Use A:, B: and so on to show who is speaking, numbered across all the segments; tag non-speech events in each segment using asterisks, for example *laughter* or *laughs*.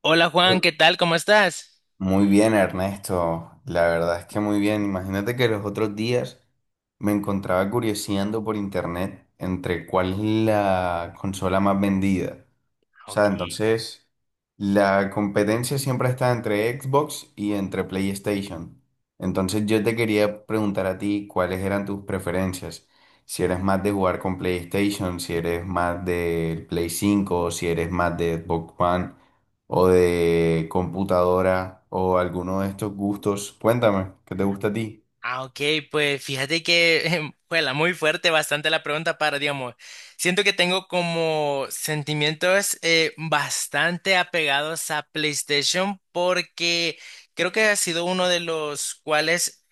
A: Hola Juan, ¿qué tal? ¿Cómo estás?
B: Muy bien, Ernesto. La verdad es que muy bien. Imagínate que los otros días me encontraba curioseando por internet entre cuál es la consola más vendida. O sea, entonces la competencia siempre está entre Xbox y entre PlayStation. Entonces yo te quería preguntar a ti cuáles eran tus preferencias. Si eres más de jugar con PlayStation, si eres más del Play cinco o si eres más de Xbox One o de computadora o alguno de estos gustos. Cuéntame, ¿qué te gusta a ti?
A: Ah, ok, pues fíjate que *laughs* fue muy fuerte, bastante la pregunta para, digamos, siento que tengo como sentimientos bastante apegados a PlayStation, porque creo que ha sido uno de los cuales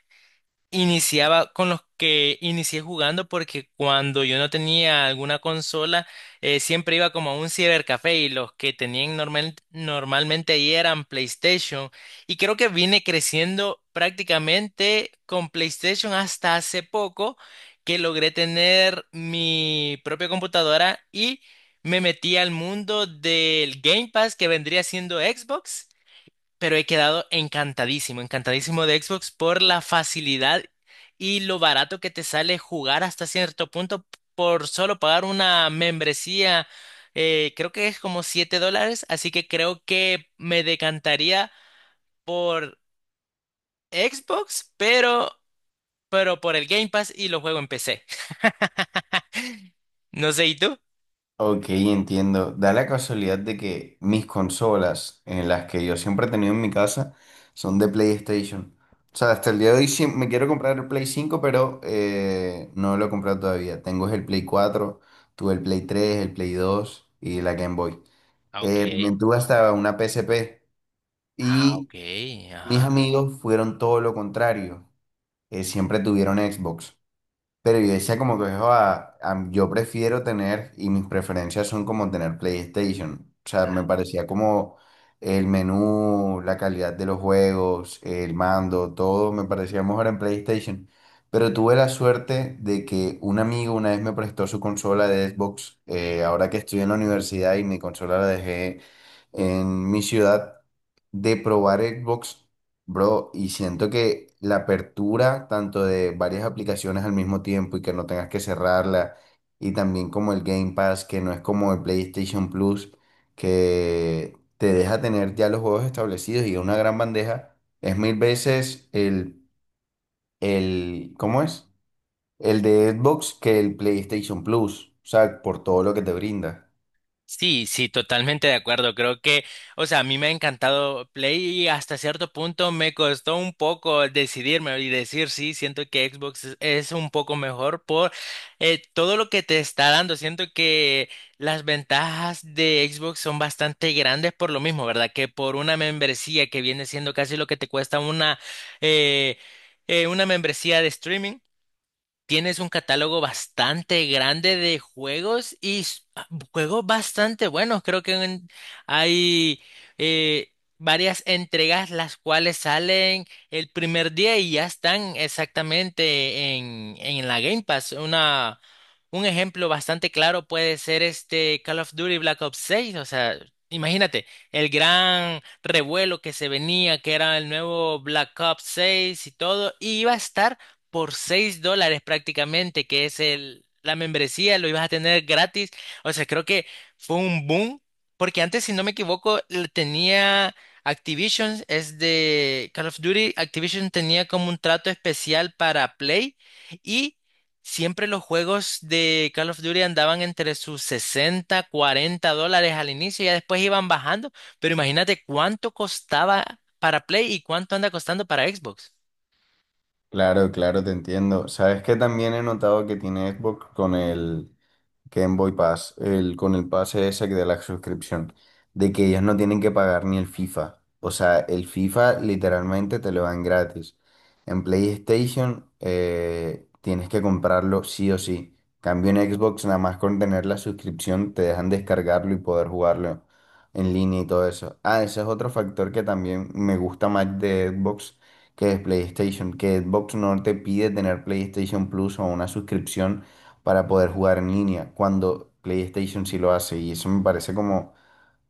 A: iniciaba con los que inicié jugando, porque cuando yo no tenía alguna consola, siempre iba como a un cibercafé y los que tenían normalmente ahí eran PlayStation. Y creo que vine creciendo prácticamente con PlayStation hasta hace poco que logré tener mi propia computadora y me metí al mundo del Game Pass, que vendría siendo Xbox, pero he quedado encantadísimo, encantadísimo de Xbox por la facilidad y lo barato que te sale jugar hasta cierto punto por solo pagar una membresía. Eh, Creo que es como 7 dólares, así que creo que me decantaría por Xbox, pero por el Game Pass, y lo juego en PC. *laughs* No sé, ¿y tú?
B: Ok, entiendo. Da la casualidad de que mis consolas, en las que yo siempre he tenido en mi casa, son de PlayStation. O sea, hasta el día de hoy sí me quiero comprar el Play cinco pero no lo he comprado todavía. Tengo es el Play cuatro, tuve el Play tres, el Play dos y la Game Boy.
A: Ah, ok.
B: También tuve hasta una PSP.
A: Ah,
B: Y
A: ok,
B: mis
A: ajá.
B: amigos fueron todo lo contrario. Siempre tuvieron Xbox. Pero yo decía como que "Joa, yo prefiero tener, y mis preferencias son como tener PlayStation". O sea, me parecía como el menú, la calidad de los juegos, el mando, todo me parecía mejor en PlayStation. Pero tuve la suerte de que un amigo una vez me prestó su consola de Xbox, ahora que estoy en la universidad y mi consola la dejé en mi ciudad, de probar Xbox, bro, y siento que la apertura tanto de varias aplicaciones al mismo tiempo y que no tengas que cerrarla, y también como el Game Pass, que no es como el PlayStation Plus, que te deja tener ya los juegos establecidos y una gran bandeja, es mil veces el, ¿cómo es? el de Xbox que el PlayStation Plus, o sea, por todo lo que te brinda.
A: Sí, sí, totalmente de acuerdo. Creo que, o sea, a mí me ha encantado Play, y hasta cierto punto me costó un poco decidirme y decir, sí, siento que Xbox es un poco mejor por todo lo que te está dando. Siento que las ventajas de Xbox son bastante grandes por lo mismo, ¿verdad? Que por una membresía que viene siendo casi lo que te cuesta eh, una membresía de streaming. Tienes un catálogo bastante grande de juegos y juegos bastante buenos. Creo que hay eh, varias entregas, las cuales salen el primer día y ya están exactamente en la Game Pass. Una, un ejemplo bastante claro puede ser este Call of Duty Black Ops 6. O sea, imagínate el gran revuelo que se venía, que era el nuevo Black Ops 6 y todo, y iba a estar por 6 dólares prácticamente, que es la membresía, lo ibas a tener gratis. O sea, creo que fue un boom, porque antes, si no me equivoco, le tenía Activision, es de Call of Duty, Activision tenía como un trato especial para Play, y siempre los juegos de Call of Duty andaban entre sus 60 40 dólares al inicio y ya después iban bajando, pero imagínate cuánto costaba para Play y cuánto anda costando para Xbox.
B: Claro, claro, te entiendo. Sabes que también he notado que tiene Xbox con Game Boy Pass, con el pase ese de la suscripción, de que ellos no tienen que pagar ni el FIFA. O sea, el FIFA literalmente te lo dan gratis. En PlayStation tienes que comprarlo sí o sí. Cambio en Xbox, nada más con tener la suscripción, te dejan descargarlo y poder jugarlo en línea y todo eso. Ah, ese es otro factor que también me gusta más de Xbox que de PlayStation, que Xbox no te pide tener PlayStation Plus o una suscripción para poder jugar en línea, cuando PlayStation sí lo hace. Y eso me parece como,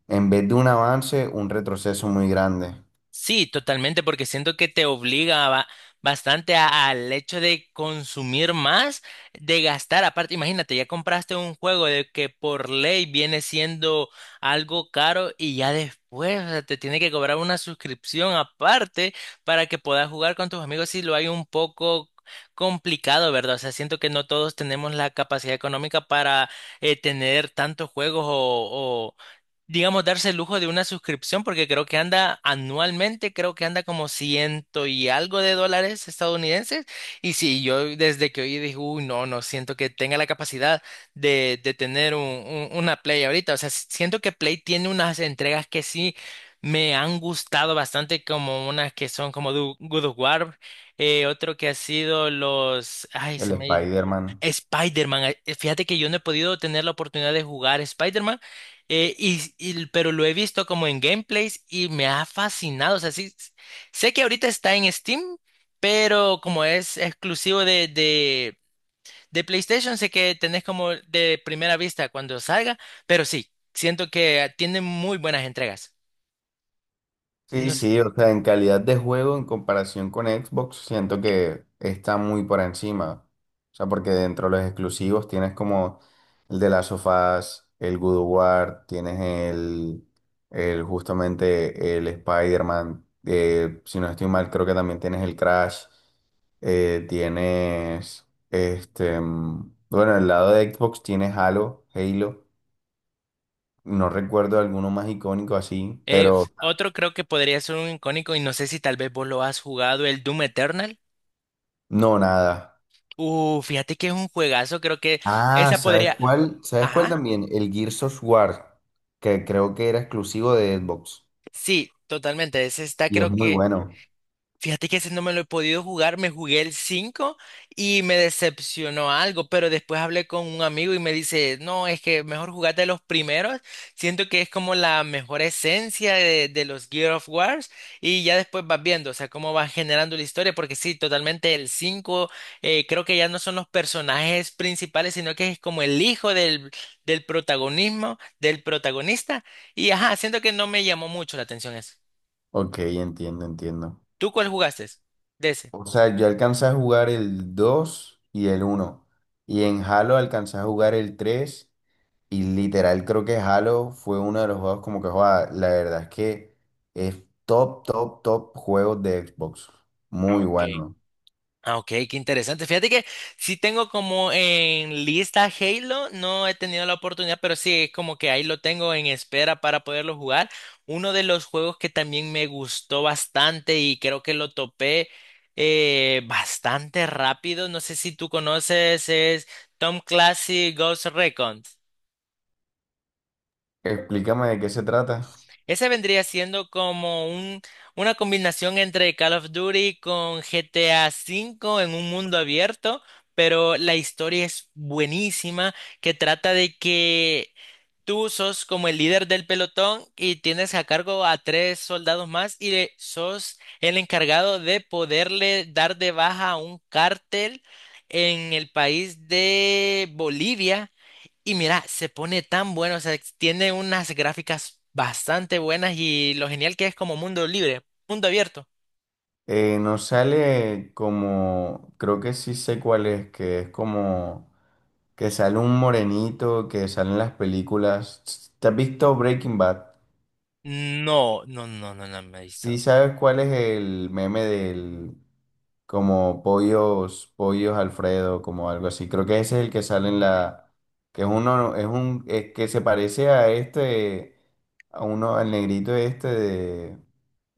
B: en vez de un avance, un retroceso muy grande.
A: Sí, totalmente, porque siento que te obliga bastante al hecho de consumir más, de gastar. Aparte, imagínate, ya compraste un juego de que por ley viene siendo algo caro, y ya después, o sea, te tiene que cobrar una suscripción aparte para que puedas jugar con tus amigos si lo hay un poco complicado, ¿verdad? O sea, siento que no todos tenemos la capacidad económica para tener tantos juegos o, digamos, darse el lujo de una suscripción, porque creo que anda anualmente, creo que anda como ciento y algo de dólares estadounidenses. Y sí, yo desde que oí dije, uy, no, no siento que tenga la capacidad de tener una Play ahorita. O sea, siento que Play tiene unas entregas que sí me han gustado bastante, como unas que son como God of War, otro que ha sido los... Ay, se
B: El
A: me ha ido.
B: Spider-Man.
A: Spider-Man, fíjate que yo no he podido tener la oportunidad de jugar Spider-Man, pero lo he visto como en gameplays y me ha fascinado. O sea, sí, sé que ahorita está en Steam, pero como es exclusivo de PlayStation, sé que tenés como de primera vista cuando salga, pero sí, siento que tiene muy buenas entregas.
B: Sí,
A: No sé.
B: sí, o sea, en calidad de juego en comparación con Xbox, siento que está muy por encima. O sea, porque dentro de los exclusivos tienes como el de las sofás, el God of War, tienes el justamente el Spider-Man, si no estoy mal, creo que también tienes el Crash, tienes este, mm, bueno, el lado de Xbox tienes Halo, Halo, no recuerdo alguno más icónico así, pero
A: Otro creo que podría ser un icónico, y no sé si tal vez vos lo has jugado, el Doom Eternal.
B: no, nada.
A: Fíjate que es un juegazo, creo que
B: Ah,
A: esa
B: ¿sabes
A: podría...
B: cuál? ¿Sabes cuál
A: Ajá,
B: también? El Gears of War, que creo que era exclusivo de Xbox.
A: sí, totalmente. Ese está
B: Y es
A: creo
B: muy
A: que...
B: bueno.
A: Fíjate que ese no me lo he podido jugar, me jugué el 5 y me decepcionó algo, pero después hablé con un amigo y me dice, no, es que mejor jugate los primeros, siento que es como la mejor esencia de los Gear of Wars, y ya después vas viendo, o sea, cómo vas generando la historia, porque sí, totalmente el 5 creo que ya no son los personajes principales, sino que es como el hijo del protagonismo, del protagonista, y ajá, siento que no me llamó mucho la atención eso.
B: Ok, entiendo, entiendo.
A: ¿Tú cuál jugaste? De ese.
B: O sea, yo alcancé a jugar el 2 y el uno. Y en Halo alcancé a jugar el tres. Y literal creo que Halo fue uno de los juegos como que joda. La verdad es que es top, top, top juegos de Xbox.
A: Ah,
B: Muy
A: ok.
B: bueno.
A: Ah, ok, qué interesante. Fíjate que sí tengo como en lista Halo, no he tenido la oportunidad, pero sí es como que ahí lo tengo en espera para poderlo jugar. Uno de los juegos que también me gustó bastante, y creo que lo topé bastante rápido, no sé si tú conoces, es Tom Clancy Ghost Recon.
B: Explícame de qué se trata.
A: Ese vendría siendo como una combinación entre Call of Duty con GTA V en un mundo abierto, pero la historia es buenísima, que trata de que tú sos como el líder del pelotón y tienes a cargo a tres soldados más, sos el encargado de poderle dar de baja a un cártel en el país de Bolivia, y mira, se pone tan bueno, o sea, tiene unas gráficas bastante buenas, y lo genial que es como mundo libre, mundo abierto.
B: Nos sale como, creo que sí sé cuál es, que es como que sale un morenito, que sale en las películas. ¿Te has visto Breaking Bad?
A: No, no, no, no, no me he
B: Sí
A: visto.
B: sabes cuál es el meme del como pollos, pollos Alfredo, como algo así. Creo que ese es el que sale en la, que es uno, es un, es que se parece a este, a uno, al negrito este de,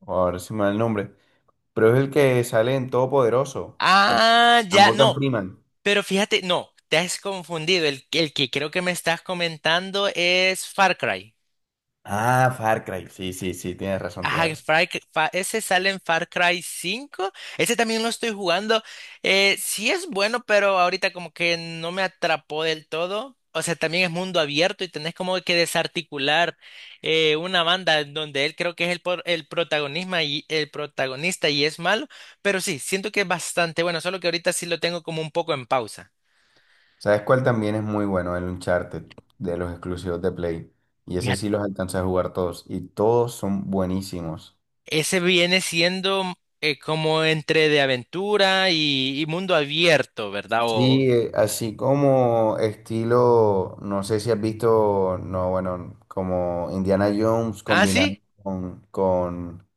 B: ahora se me va el nombre. Pero es el que sale en Todopoderoso, el,
A: Ah,
B: a
A: ya,
B: Morgan
A: no,
B: Freeman.
A: pero fíjate, no, te has confundido. El que creo que me estás comentando es Far Cry.
B: Ah, Far Cry. Sí, sí, sí, tienes razón, tienes
A: Ajá, que
B: razón.
A: Ese sale en Far Cry 5. Ese también lo estoy jugando. Sí es bueno, pero ahorita como que no me atrapó del todo. O sea, también es mundo abierto y tenés como que desarticular una banda en donde él creo que es el protagonismo y el protagonista y es malo. Pero sí, siento que es bastante bueno, solo que ahorita sí lo tengo como un poco en pausa.
B: ¿Sabes cuál también es muy bueno? El Uncharted, de los exclusivos de Play. Y ese
A: Ya.
B: sí los alcancé a jugar todos. Y todos son buenísimos.
A: Ese viene siendo como entre de aventura y mundo abierto, ¿verdad?
B: Sí,
A: O-
B: así como estilo, no sé si has visto, no, bueno, como Indiana Jones
A: ah, sí.
B: combinado con, con,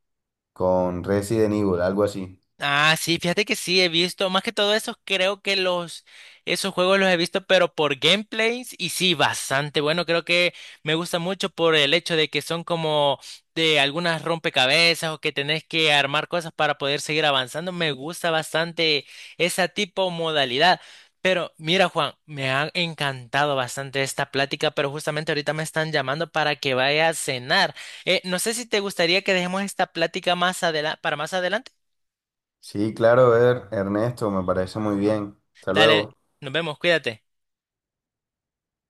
B: con Resident Evil, algo así.
A: Ah, sí, fíjate que sí, he visto, más que todo esos, creo que esos juegos los he visto, pero por gameplays, y sí, bastante bueno, creo que me gusta mucho por el hecho de que son como de algunas rompecabezas o que tenés que armar cosas para poder seguir avanzando, me gusta bastante esa tipo modalidad. Pero mira, Juan, me ha encantado bastante esta plática, pero justamente ahorita me están llamando para que vaya a cenar. No sé si te gustaría que dejemos esta plática para más adelante.
B: Sí, claro, Ver, Ernesto, me parece muy bien. Hasta luego.
A: Dale, nos vemos, cuídate.